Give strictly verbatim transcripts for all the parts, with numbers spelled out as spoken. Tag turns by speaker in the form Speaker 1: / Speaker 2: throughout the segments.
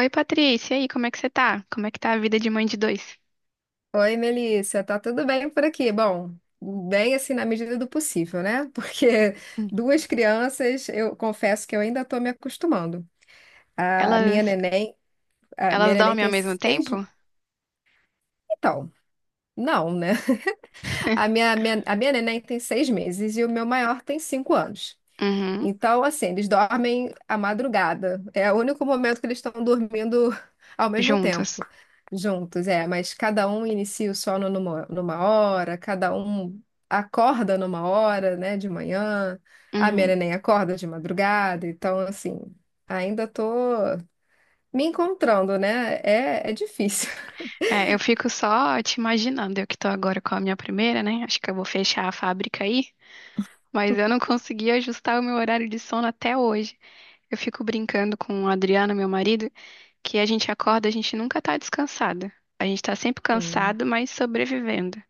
Speaker 1: Oi, Patrícia, e aí, como é que você tá? Como é que tá a vida de mãe de dois?
Speaker 2: Oi, Melissa, tá tudo bem por aqui? Bom, bem assim na medida do possível, né? Porque
Speaker 1: Hum.
Speaker 2: duas crianças, eu confesso que eu ainda tô me acostumando. A minha
Speaker 1: Elas,
Speaker 2: neném, a minha
Speaker 1: elas
Speaker 2: neném
Speaker 1: dormem ao
Speaker 2: tem
Speaker 1: mesmo
Speaker 2: seis,
Speaker 1: tempo?
Speaker 2: então, não, né? A minha, minha- a minha neném tem seis meses e o meu maior tem cinco anos.
Speaker 1: Uhum,
Speaker 2: Então, assim, eles dormem à madrugada. É o único momento que eles estão dormindo ao mesmo tempo,
Speaker 1: juntas.
Speaker 2: juntos, é. Mas cada um inicia o sono numa, numa hora, cada um acorda numa hora, né, de manhã. A minha
Speaker 1: Uhum.
Speaker 2: neném acorda de madrugada. Então, assim, ainda tô me encontrando, né? É, é difícil.
Speaker 1: É, eu fico só te imaginando, eu que tô agora com a minha primeira, né? Acho que eu vou fechar a fábrica aí, mas eu não consegui ajustar o meu horário de sono até hoje. Eu fico brincando com o Adriano, meu marido, que a gente acorda, a gente nunca tá descansada. A gente tá sempre
Speaker 2: Sim.
Speaker 1: cansado, mas sobrevivendo.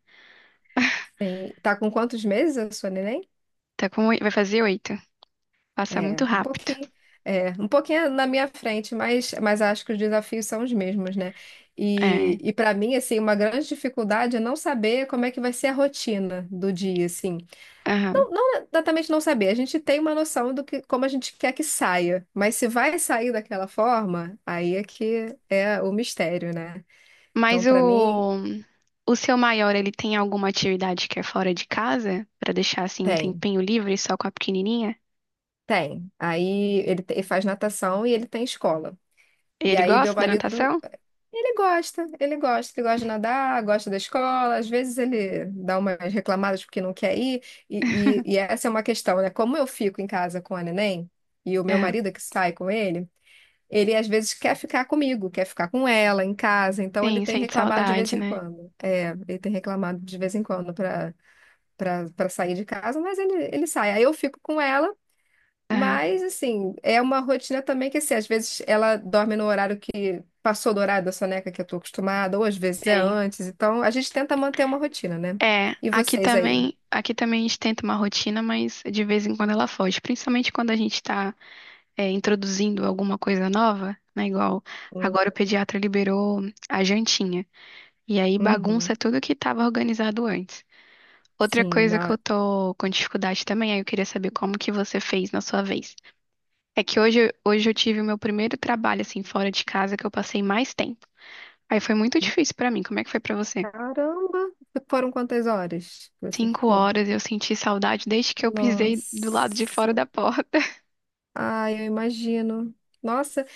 Speaker 2: Sim. Tá com quantos meses a sua neném?
Speaker 1: Tá com, oi- vai fazer oito. Passa
Speaker 2: É,
Speaker 1: muito
Speaker 2: um
Speaker 1: rápido.
Speaker 2: pouquinho, é, um pouquinho na minha frente, mas, mas acho que os desafios são os mesmos, né? E,
Speaker 1: É.
Speaker 2: e para mim, assim, uma grande dificuldade é não saber como é que vai ser a rotina do dia, assim.
Speaker 1: Aham.
Speaker 2: Não, não exatamente não saber, a gente tem uma noção do que, como a gente quer que saia, mas se vai sair daquela forma, aí é que é o mistério, né? Então,
Speaker 1: Mas
Speaker 2: para mim,
Speaker 1: o, o seu maior, ele tem alguma atividade que é fora de casa? Pra deixar, assim, um
Speaker 2: tem,
Speaker 1: tempinho livre só com a pequenininha?
Speaker 2: tem. Aí ele, te- ele faz natação e ele tem escola. E
Speaker 1: Ele
Speaker 2: aí meu
Speaker 1: gosta da
Speaker 2: marido
Speaker 1: natação?
Speaker 2: ele gosta, ele gosta, ele gosta de nadar, gosta da escola, às vezes ele dá umas reclamadas porque não quer ir, e, e- e essa é uma questão, né? Como eu fico em casa com a neném, e o meu
Speaker 1: Aham.
Speaker 2: marido é que sai com ele, ele às vezes quer ficar comigo, quer ficar com ela em casa, então ele
Speaker 1: Sim,
Speaker 2: tem
Speaker 1: sente
Speaker 2: reclamado de vez
Speaker 1: saudade,
Speaker 2: em
Speaker 1: né?
Speaker 2: quando. É, ele tem reclamado de vez em quando para para para sair de casa, mas ele, ele sai. Aí eu fico com ela.
Speaker 1: Aham,
Speaker 2: Mas, assim, é uma rotina também que, assim, às vezes ela dorme no horário que passou do horário da soneca que eu tô acostumada, ou às vezes é
Speaker 1: tem.
Speaker 2: antes. Então, a gente tenta manter uma rotina, né?
Speaker 1: É,
Speaker 2: E
Speaker 1: aqui
Speaker 2: vocês aí?
Speaker 1: também, aqui também a gente tenta uma rotina, mas de vez em quando ela foge, principalmente quando a gente está introduzindo alguma coisa nova, né? Igual
Speaker 2: Hum.
Speaker 1: agora o pediatra liberou a jantinha. E aí bagunça
Speaker 2: Uhum.
Speaker 1: tudo que estava organizado antes. Outra
Speaker 2: Sim,
Speaker 1: coisa que
Speaker 2: na...
Speaker 1: eu tô com dificuldade também, aí eu queria saber como que você fez na sua vez. É que hoje, hoje eu tive o meu primeiro trabalho, assim, fora de casa, que eu passei mais tempo. Aí foi muito difícil pra mim. Como é que foi pra você?
Speaker 2: Caramba! Foram quantas horas que você
Speaker 1: Cinco
Speaker 2: ficou?
Speaker 1: horas, eu senti saudade desde que eu pisei do lado de fora
Speaker 2: Nossa!
Speaker 1: da porta.
Speaker 2: Ai, eu imagino. Nossa,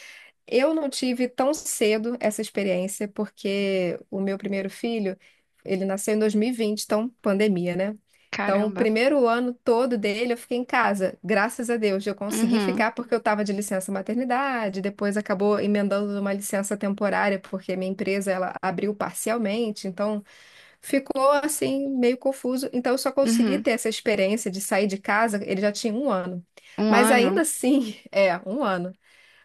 Speaker 2: eu não tive tão cedo essa experiência, porque o meu primeiro filho, ele nasceu em dois mil e vinte, então pandemia, né? Então, o
Speaker 1: Caramba.
Speaker 2: primeiro ano todo dele eu fiquei em casa. Graças a Deus, eu consegui
Speaker 1: Uhum,
Speaker 2: ficar porque eu estava de licença maternidade, depois acabou emendando uma licença temporária, porque minha empresa ela abriu parcialmente, então ficou assim meio confuso. Então, eu só consegui
Speaker 1: uhum.
Speaker 2: ter essa experiência de sair de casa, ele já tinha um ano.
Speaker 1: Um
Speaker 2: Mas
Speaker 1: ano.
Speaker 2: ainda assim, é, um ano.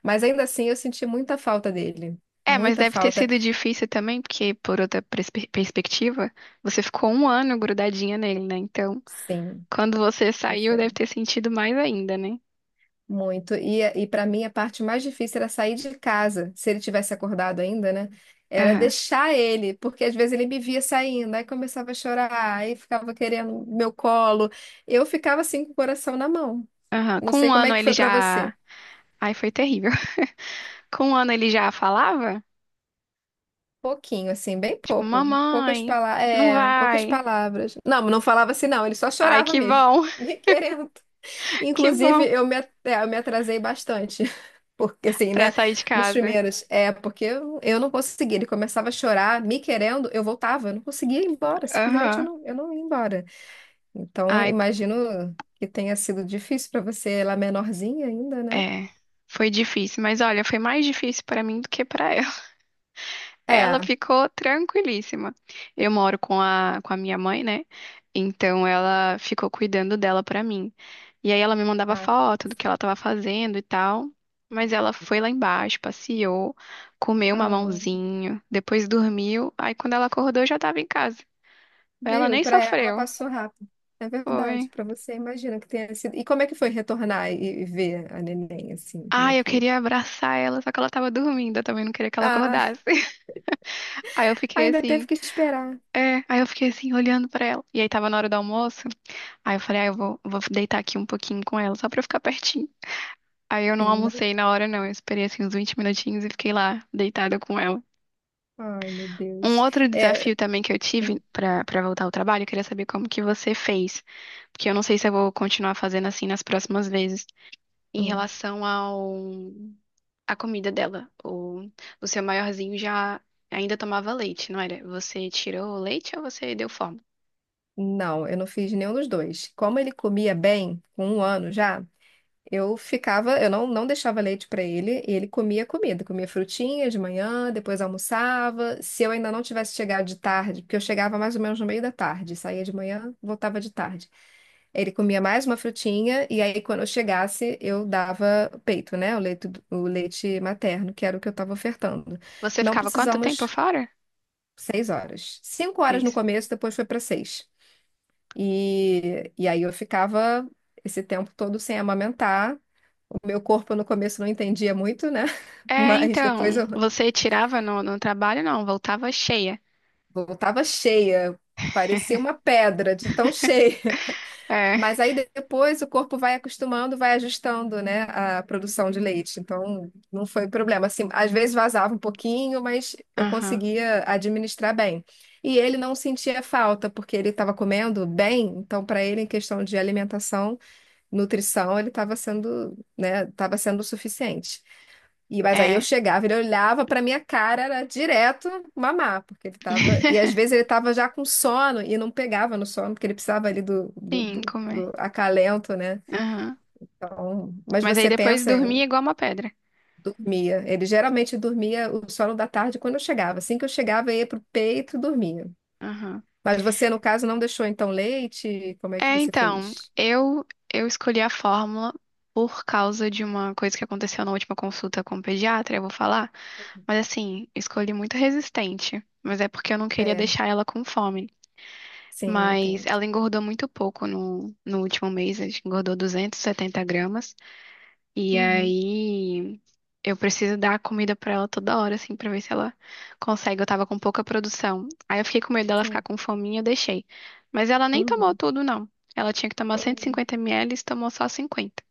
Speaker 2: Mas ainda assim eu senti muita falta dele.
Speaker 1: É, mas
Speaker 2: Muita
Speaker 1: deve ter
Speaker 2: falta.
Speaker 1: sido difícil também, porque por outra perspe- perspectiva, você ficou um ano grudadinha nele, né? Então,
Speaker 2: Sim,
Speaker 1: quando você
Speaker 2: pois
Speaker 1: saiu,
Speaker 2: é.
Speaker 1: deve ter sentido mais ainda, né?
Speaker 2: Muito. E, e para mim a parte mais difícil era sair de casa, se ele tivesse acordado ainda, né? Era deixar ele, porque às vezes ele me via saindo, aí começava a chorar, aí ficava querendo meu colo. Eu ficava assim com o coração na mão.
Speaker 1: Aham.
Speaker 2: Não
Speaker 1: Com
Speaker 2: sei
Speaker 1: um
Speaker 2: como é
Speaker 1: ano
Speaker 2: que
Speaker 1: ele
Speaker 2: foi para
Speaker 1: já.
Speaker 2: você.
Speaker 1: Ai, foi terrível. Com um ano ele já falava?
Speaker 2: Pouquinho, assim, bem
Speaker 1: Tipo,
Speaker 2: pouco. Poucas
Speaker 1: mamãe,
Speaker 2: palavras.
Speaker 1: não
Speaker 2: É, poucas
Speaker 1: vai.
Speaker 2: palavras. Não, não falava assim, não, ele só
Speaker 1: Ai,
Speaker 2: chorava
Speaker 1: que
Speaker 2: mesmo.
Speaker 1: bom,
Speaker 2: Me querendo.
Speaker 1: que
Speaker 2: Inclusive,
Speaker 1: bom.
Speaker 2: eu me, é, eu me atrasei bastante. Porque assim,
Speaker 1: Pra
Speaker 2: né?
Speaker 1: sair de
Speaker 2: Nos
Speaker 1: casa.
Speaker 2: primeiros. É, porque eu, eu não conseguia. Ele começava a chorar, me querendo, eu voltava. Eu não conseguia ir embora. Simplesmente eu
Speaker 1: Aham.
Speaker 2: não, eu não ia embora. Então,
Speaker 1: Ai,
Speaker 2: imagino que tenha sido difícil para você, ela menorzinha ainda, né?
Speaker 1: é. Foi difícil, mas olha, foi mais difícil pra mim do que pra ela. Ela
Speaker 2: É.
Speaker 1: ficou tranquilíssima. Eu moro com a, com a minha mãe, né? Então ela ficou cuidando dela pra mim. E aí ela me mandava
Speaker 2: Ah,
Speaker 1: foto do que ela
Speaker 2: sim.
Speaker 1: tava fazendo e tal. Mas ela foi lá embaixo, passeou, comeu um
Speaker 2: Ah,
Speaker 1: mamãozinho, depois dormiu. Aí quando ela acordou, eu já tava em casa. Ela
Speaker 2: viu?
Speaker 1: nem
Speaker 2: Para ela
Speaker 1: sofreu.
Speaker 2: passou rápido. É
Speaker 1: Foi.
Speaker 2: verdade, para você, imagina que tenha sido. E como é que foi retornar e, e ver a neném, assim? Como é
Speaker 1: Ai, eu
Speaker 2: que.
Speaker 1: queria abraçar ela, só que ela tava dormindo. Eu também não queria que ela
Speaker 2: Ah,
Speaker 1: acordasse. Aí eu fiquei
Speaker 2: ainda teve
Speaker 1: assim.
Speaker 2: que esperar.
Speaker 1: É, aí eu fiquei assim, olhando pra ela. E aí tava na hora do almoço. Aí eu falei, ah, eu vou, vou deitar aqui um pouquinho com ela, só pra eu ficar pertinho. Aí eu não
Speaker 2: Sim,
Speaker 1: almocei na hora, não. Eu esperei assim uns vinte minutinhos e fiquei lá, deitada com ela.
Speaker 2: ai, meu
Speaker 1: Um
Speaker 2: Deus.
Speaker 1: outro
Speaker 2: É,
Speaker 1: desafio também que eu tive
Speaker 2: hum,
Speaker 1: pra, pra voltar ao trabalho, eu queria saber como que você fez. Porque eu não sei se eu vou continuar fazendo assim nas próximas vezes. Em
Speaker 2: hum,
Speaker 1: relação ao... A comida dela. O, o seu maiorzinho já ainda tomava leite, não era? Você tirou o leite ou você deu forma?
Speaker 2: não, eu não fiz nenhum dos dois. Como ele comia bem, com um ano já, eu ficava, eu não, não deixava leite para ele, e ele comia comida, comia frutinha de manhã, depois almoçava. Se eu ainda não tivesse chegado de tarde, porque eu chegava mais ou menos no meio da tarde, saía de manhã, voltava de tarde. Ele comia mais uma frutinha, e aí quando eu chegasse, eu dava peito, né? O leite, o leite materno, que era o que eu estava ofertando.
Speaker 1: Você
Speaker 2: Não
Speaker 1: ficava quanto tempo
Speaker 2: precisamos
Speaker 1: fora?
Speaker 2: seis horas. Cinco
Speaker 1: É
Speaker 2: horas no
Speaker 1: isso.
Speaker 2: começo, depois foi para seis. E, e aí eu ficava esse tempo todo sem amamentar. O meu corpo no começo não entendia muito, né?
Speaker 1: É,
Speaker 2: Mas depois
Speaker 1: então,
Speaker 2: eu
Speaker 1: você tirava no, no trabalho? Não, voltava cheia.
Speaker 2: voltava cheia, parecia uma pedra de tão cheia.
Speaker 1: É,
Speaker 2: Mas aí depois o corpo vai acostumando, vai ajustando, né, a produção de leite. Então, não foi problema. Assim, às vezes vazava um pouquinho, mas eu
Speaker 1: aham,
Speaker 2: conseguia administrar bem. E ele não sentia falta, porque ele estava comendo bem. Então, para ele, em questão de alimentação, nutrição, ele estava sendo, né, estava sendo o suficiente. E, mas aí eu
Speaker 1: é.
Speaker 2: chegava, ele olhava pra minha cara, era direto mamar, porque ele tava. E às vezes ele tava já com sono e não pegava no sono, porque ele precisava ali do, do,
Speaker 1: Sim,
Speaker 2: do,
Speaker 1: comer.
Speaker 2: do acalento, né?
Speaker 1: Aham.
Speaker 2: Então, mas
Speaker 1: Mas aí
Speaker 2: você
Speaker 1: depois
Speaker 2: pensa em
Speaker 1: dormia igual uma pedra.
Speaker 2: dormia. Ele geralmente dormia o sono da tarde quando eu chegava. Assim que eu chegava, eu ia pro peito e dormia.
Speaker 1: Aham.
Speaker 2: Mas você, no caso, não deixou então leite? Como é que
Speaker 1: É,
Speaker 2: você
Speaker 1: então,
Speaker 2: fez?
Speaker 1: eu, eu escolhi a fórmula por causa de uma coisa que aconteceu na última consulta com o pediatra, eu vou falar. Mas assim, escolhi muito resistente. Mas é porque eu não queria
Speaker 2: É,
Speaker 1: deixar ela com fome.
Speaker 2: sim,
Speaker 1: Mas
Speaker 2: entendo.
Speaker 1: ela engordou muito pouco no, no último mês, acho que engordou duzentos e setenta gramas. E
Speaker 2: Uhum,
Speaker 1: aí eu preciso dar comida pra ela toda hora, assim, pra ver se ela consegue. Eu tava com pouca produção. Aí eu fiquei com medo dela
Speaker 2: é,
Speaker 1: ficar com fominha, eu deixei. Mas ela nem tomou
Speaker 2: uhum,
Speaker 1: tudo, não. Ela tinha que tomar 150
Speaker 2: uhum.
Speaker 1: ml e tomou só cinquenta.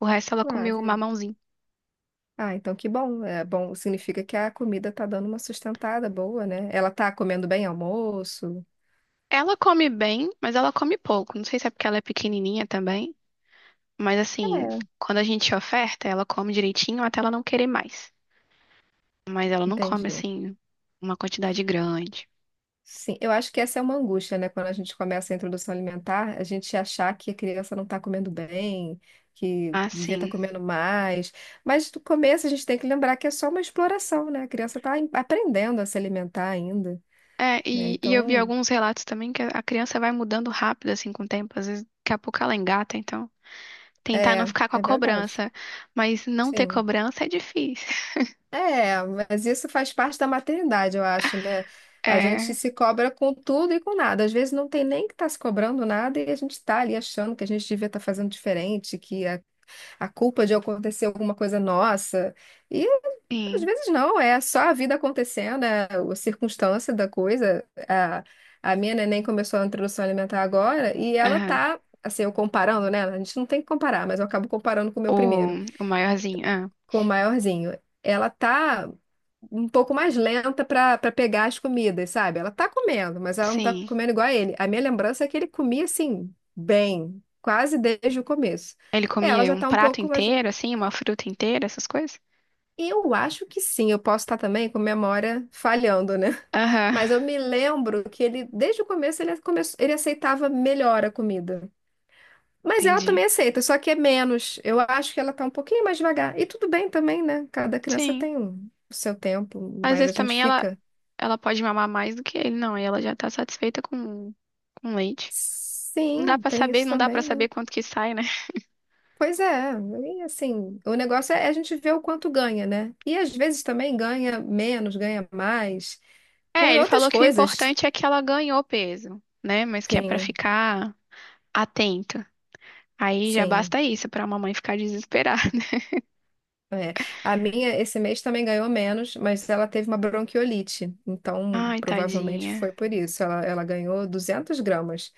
Speaker 1: O resto ela
Speaker 2: Ah,
Speaker 1: comeu
Speaker 2: viu?
Speaker 1: mamãozinho.
Speaker 2: Ah, então que bom. É bom, significa que a comida tá dando uma sustentada boa, né? Ela tá comendo bem almoço.
Speaker 1: Ela come bem, mas ela come pouco. Não sei se é porque ela é pequenininha também. Mas assim,
Speaker 2: É.
Speaker 1: quando a gente oferta, ela come direitinho até ela não querer mais. Mas ela não come
Speaker 2: Entendi.
Speaker 1: assim uma quantidade grande.
Speaker 2: Sim, eu acho que essa é uma angústia, né? Quando a gente começa a introdução alimentar, a gente achar que a criança não está comendo bem, que
Speaker 1: Ah,
Speaker 2: devia estar
Speaker 1: sim.
Speaker 2: comendo mais. Mas no começo a gente tem que lembrar que é só uma exploração, né? A criança está aprendendo a se alimentar ainda,
Speaker 1: É,
Speaker 2: né?
Speaker 1: e, e eu vi
Speaker 2: Então,
Speaker 1: alguns relatos também que a criança vai mudando rápido assim com o tempo, às vezes daqui a pouco ela engata, então tentar não
Speaker 2: é,
Speaker 1: ficar com a
Speaker 2: é verdade.
Speaker 1: cobrança, mas não ter
Speaker 2: Sim.
Speaker 1: cobrança é difícil.
Speaker 2: É, mas isso faz parte da maternidade, eu acho, né? A gente
Speaker 1: É,
Speaker 2: se cobra com tudo e com nada. Às vezes não tem nem que estar tá se cobrando nada e a gente está ali achando que a gente devia estar fazendo diferente, que a, a culpa de acontecer alguma coisa é nossa. E às
Speaker 1: sim.
Speaker 2: vezes não, é só a vida acontecendo, é a circunstância da coisa. A, a minha neném começou a introdução alimentar agora e ela
Speaker 1: Aham.
Speaker 2: tá, assim, eu comparando, né? A gente não tem que comparar, mas eu acabo comparando com o meu
Speaker 1: O,
Speaker 2: primeiro
Speaker 1: o maiorzinho, ah,
Speaker 2: com o maiorzinho, ela tá um pouco mais lenta pra para pegar as comidas, sabe? Ela tá comendo, mas ela não tá
Speaker 1: sim.
Speaker 2: comendo igual a ele. A minha lembrança é que ele comia assim, bem, quase desde o começo.
Speaker 1: Ele
Speaker 2: Ela
Speaker 1: comia
Speaker 2: já
Speaker 1: um
Speaker 2: tá um
Speaker 1: prato
Speaker 2: pouco mais.
Speaker 1: inteiro assim, uma fruta inteira, essas coisas?
Speaker 2: Eu acho que sim, eu posso estar também com memória falhando, né?
Speaker 1: Aham.
Speaker 2: Mas eu me lembro que ele, desde o começo, ele, come... ele aceitava melhor a comida. Mas ela
Speaker 1: Entendi.
Speaker 2: também aceita, só que é menos. Eu acho que ela tá um pouquinho mais devagar. E tudo bem também, né? Cada criança
Speaker 1: Sim.
Speaker 2: tem um- o seu tempo,
Speaker 1: Às
Speaker 2: mas a
Speaker 1: vezes
Speaker 2: gente
Speaker 1: também ela,
Speaker 2: fica.
Speaker 1: ela pode mamar mais do que ele, não. E ela já tá satisfeita com, com leite. Não dá
Speaker 2: Sim,
Speaker 1: pra
Speaker 2: tem
Speaker 1: saber,
Speaker 2: isso
Speaker 1: não dá pra
Speaker 2: também, né?
Speaker 1: saber quanto que sai, né?
Speaker 2: Pois é, e assim, o negócio é é a gente ver o quanto ganha, né? E às vezes também ganha menos, ganha mais,
Speaker 1: É,
Speaker 2: por
Speaker 1: ele
Speaker 2: outras
Speaker 1: falou que o
Speaker 2: coisas.
Speaker 1: importante é que ela ganhou peso, né? Mas que é pra
Speaker 2: Sim,
Speaker 1: ficar atenta. Aí já
Speaker 2: sim.
Speaker 1: basta isso pra mamãe ficar desesperada.
Speaker 2: É. A minha esse mês também ganhou menos, mas ela teve uma bronquiolite, então
Speaker 1: Ai,
Speaker 2: provavelmente
Speaker 1: tadinha.
Speaker 2: foi por isso. Ela, ela ganhou duzentos gramas.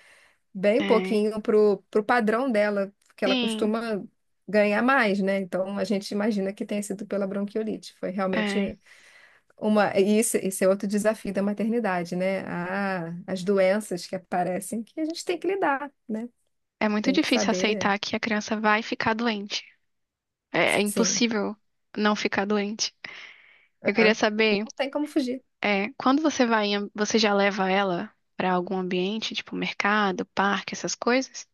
Speaker 2: Bem
Speaker 1: É.
Speaker 2: pouquinho pro, pro padrão dela, porque ela
Speaker 1: Sim,
Speaker 2: costuma ganhar mais, né? Então a gente imagina que tenha sido pela bronquiolite. Foi
Speaker 1: é.
Speaker 2: realmente uma. E isso, isso é outro desafio da maternidade, né? Ah, as doenças que aparecem que a gente tem que lidar, né?
Speaker 1: É muito
Speaker 2: Tem que
Speaker 1: difícil
Speaker 2: saber.
Speaker 1: aceitar que a criança vai ficar doente. É, é
Speaker 2: Sim.
Speaker 1: impossível não ficar doente. Eu
Speaker 2: É.
Speaker 1: queria saber.
Speaker 2: Não tem como fugir.
Speaker 1: É, quando você vai, em- você já leva ela pra algum ambiente, tipo mercado, parque, essas coisas?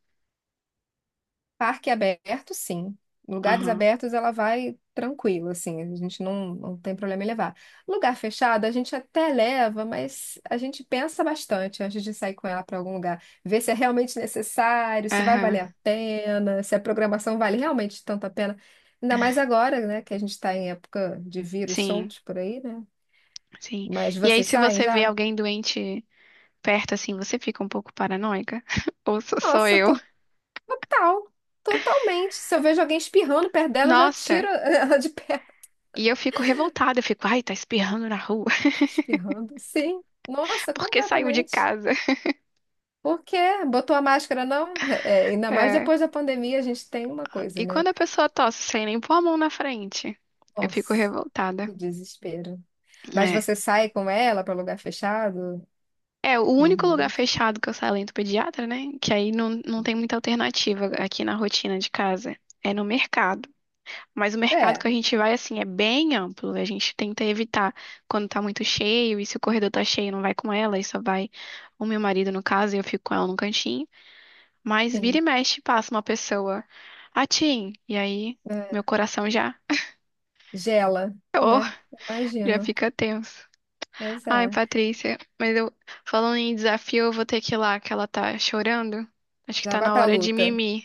Speaker 2: Parque aberto, sim. Lugares
Speaker 1: Aham.
Speaker 2: abertos, ela vai tranquila, assim. A gente não, não tem problema em levar. Lugar fechado, a gente até leva, mas a gente pensa bastante antes de sair com ela para algum lugar. Ver se é realmente necessário, se vai valer
Speaker 1: Aham.
Speaker 2: a pena, se a programação vale realmente tanto a pena. Ainda mais agora, né, que a gente está em época de vírus
Speaker 1: Sim,
Speaker 2: soltos por aí, né?
Speaker 1: sim.
Speaker 2: Mas
Speaker 1: E aí,
Speaker 2: vocês
Speaker 1: se
Speaker 2: saem
Speaker 1: você vê
Speaker 2: já?
Speaker 1: alguém doente perto, assim, você fica um pouco paranoica? Ou sou só
Speaker 2: Nossa,
Speaker 1: eu?
Speaker 2: to- total. Totalmente. Se eu vejo alguém espirrando perto dela, eu já tiro
Speaker 1: Nossa,
Speaker 2: ela de perto.
Speaker 1: e eu fico revoltada, eu fico, ai, tá espirrando na rua,
Speaker 2: Tá espirrando? Sim. Nossa,
Speaker 1: porque saiu de
Speaker 2: completamente.
Speaker 1: casa.
Speaker 2: Por quê? Botou a máscara, não? É, ainda mais
Speaker 1: É.
Speaker 2: depois da pandemia, a gente tem uma coisa,
Speaker 1: E quando
Speaker 2: né?
Speaker 1: a pessoa tosse sem nem pôr a mão na frente, eu fico
Speaker 2: Nossa,
Speaker 1: revoltada.
Speaker 2: que desespero. Mas
Speaker 1: É.
Speaker 2: você sai com ela para lugar fechado,
Speaker 1: É, o único lugar
Speaker 2: normalmente?
Speaker 1: fechado que eu saio além do pediatra, né? Que aí não, não tem muita alternativa aqui na rotina de casa. É no mercado. Mas o mercado que
Speaker 2: É,
Speaker 1: a gente vai, assim, é bem amplo. A gente tenta evitar quando tá muito cheio. E se o corredor tá cheio, não vai com ela. E só vai o meu marido, no caso, e eu fico com ela no cantinho. Mas vira e
Speaker 2: sim.
Speaker 1: mexe, passa uma pessoa. Atim! E aí, meu
Speaker 2: É,
Speaker 1: coração já,
Speaker 2: gela, né?
Speaker 1: já
Speaker 2: Imagino.
Speaker 1: fica tenso.
Speaker 2: Pois
Speaker 1: Ai,
Speaker 2: é.
Speaker 1: Patrícia, mas eu falando em desafio, eu vou ter que ir lá, que ela tá chorando. Acho que
Speaker 2: Já
Speaker 1: tá
Speaker 2: vai
Speaker 1: na
Speaker 2: pra
Speaker 1: hora de
Speaker 2: luta.
Speaker 1: mimir.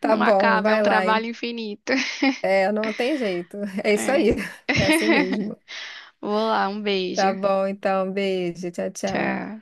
Speaker 2: Tá
Speaker 1: Não
Speaker 2: bom,
Speaker 1: acaba, é
Speaker 2: vai
Speaker 1: um
Speaker 2: lá.
Speaker 1: trabalho
Speaker 2: Hein?
Speaker 1: infinito.
Speaker 2: É, não tem jeito. É isso aí.
Speaker 1: É.
Speaker 2: É assim mesmo.
Speaker 1: Vou lá, um beijo.
Speaker 2: Tá bom, então. Beijo. Tchau, tchau.
Speaker 1: Tchau.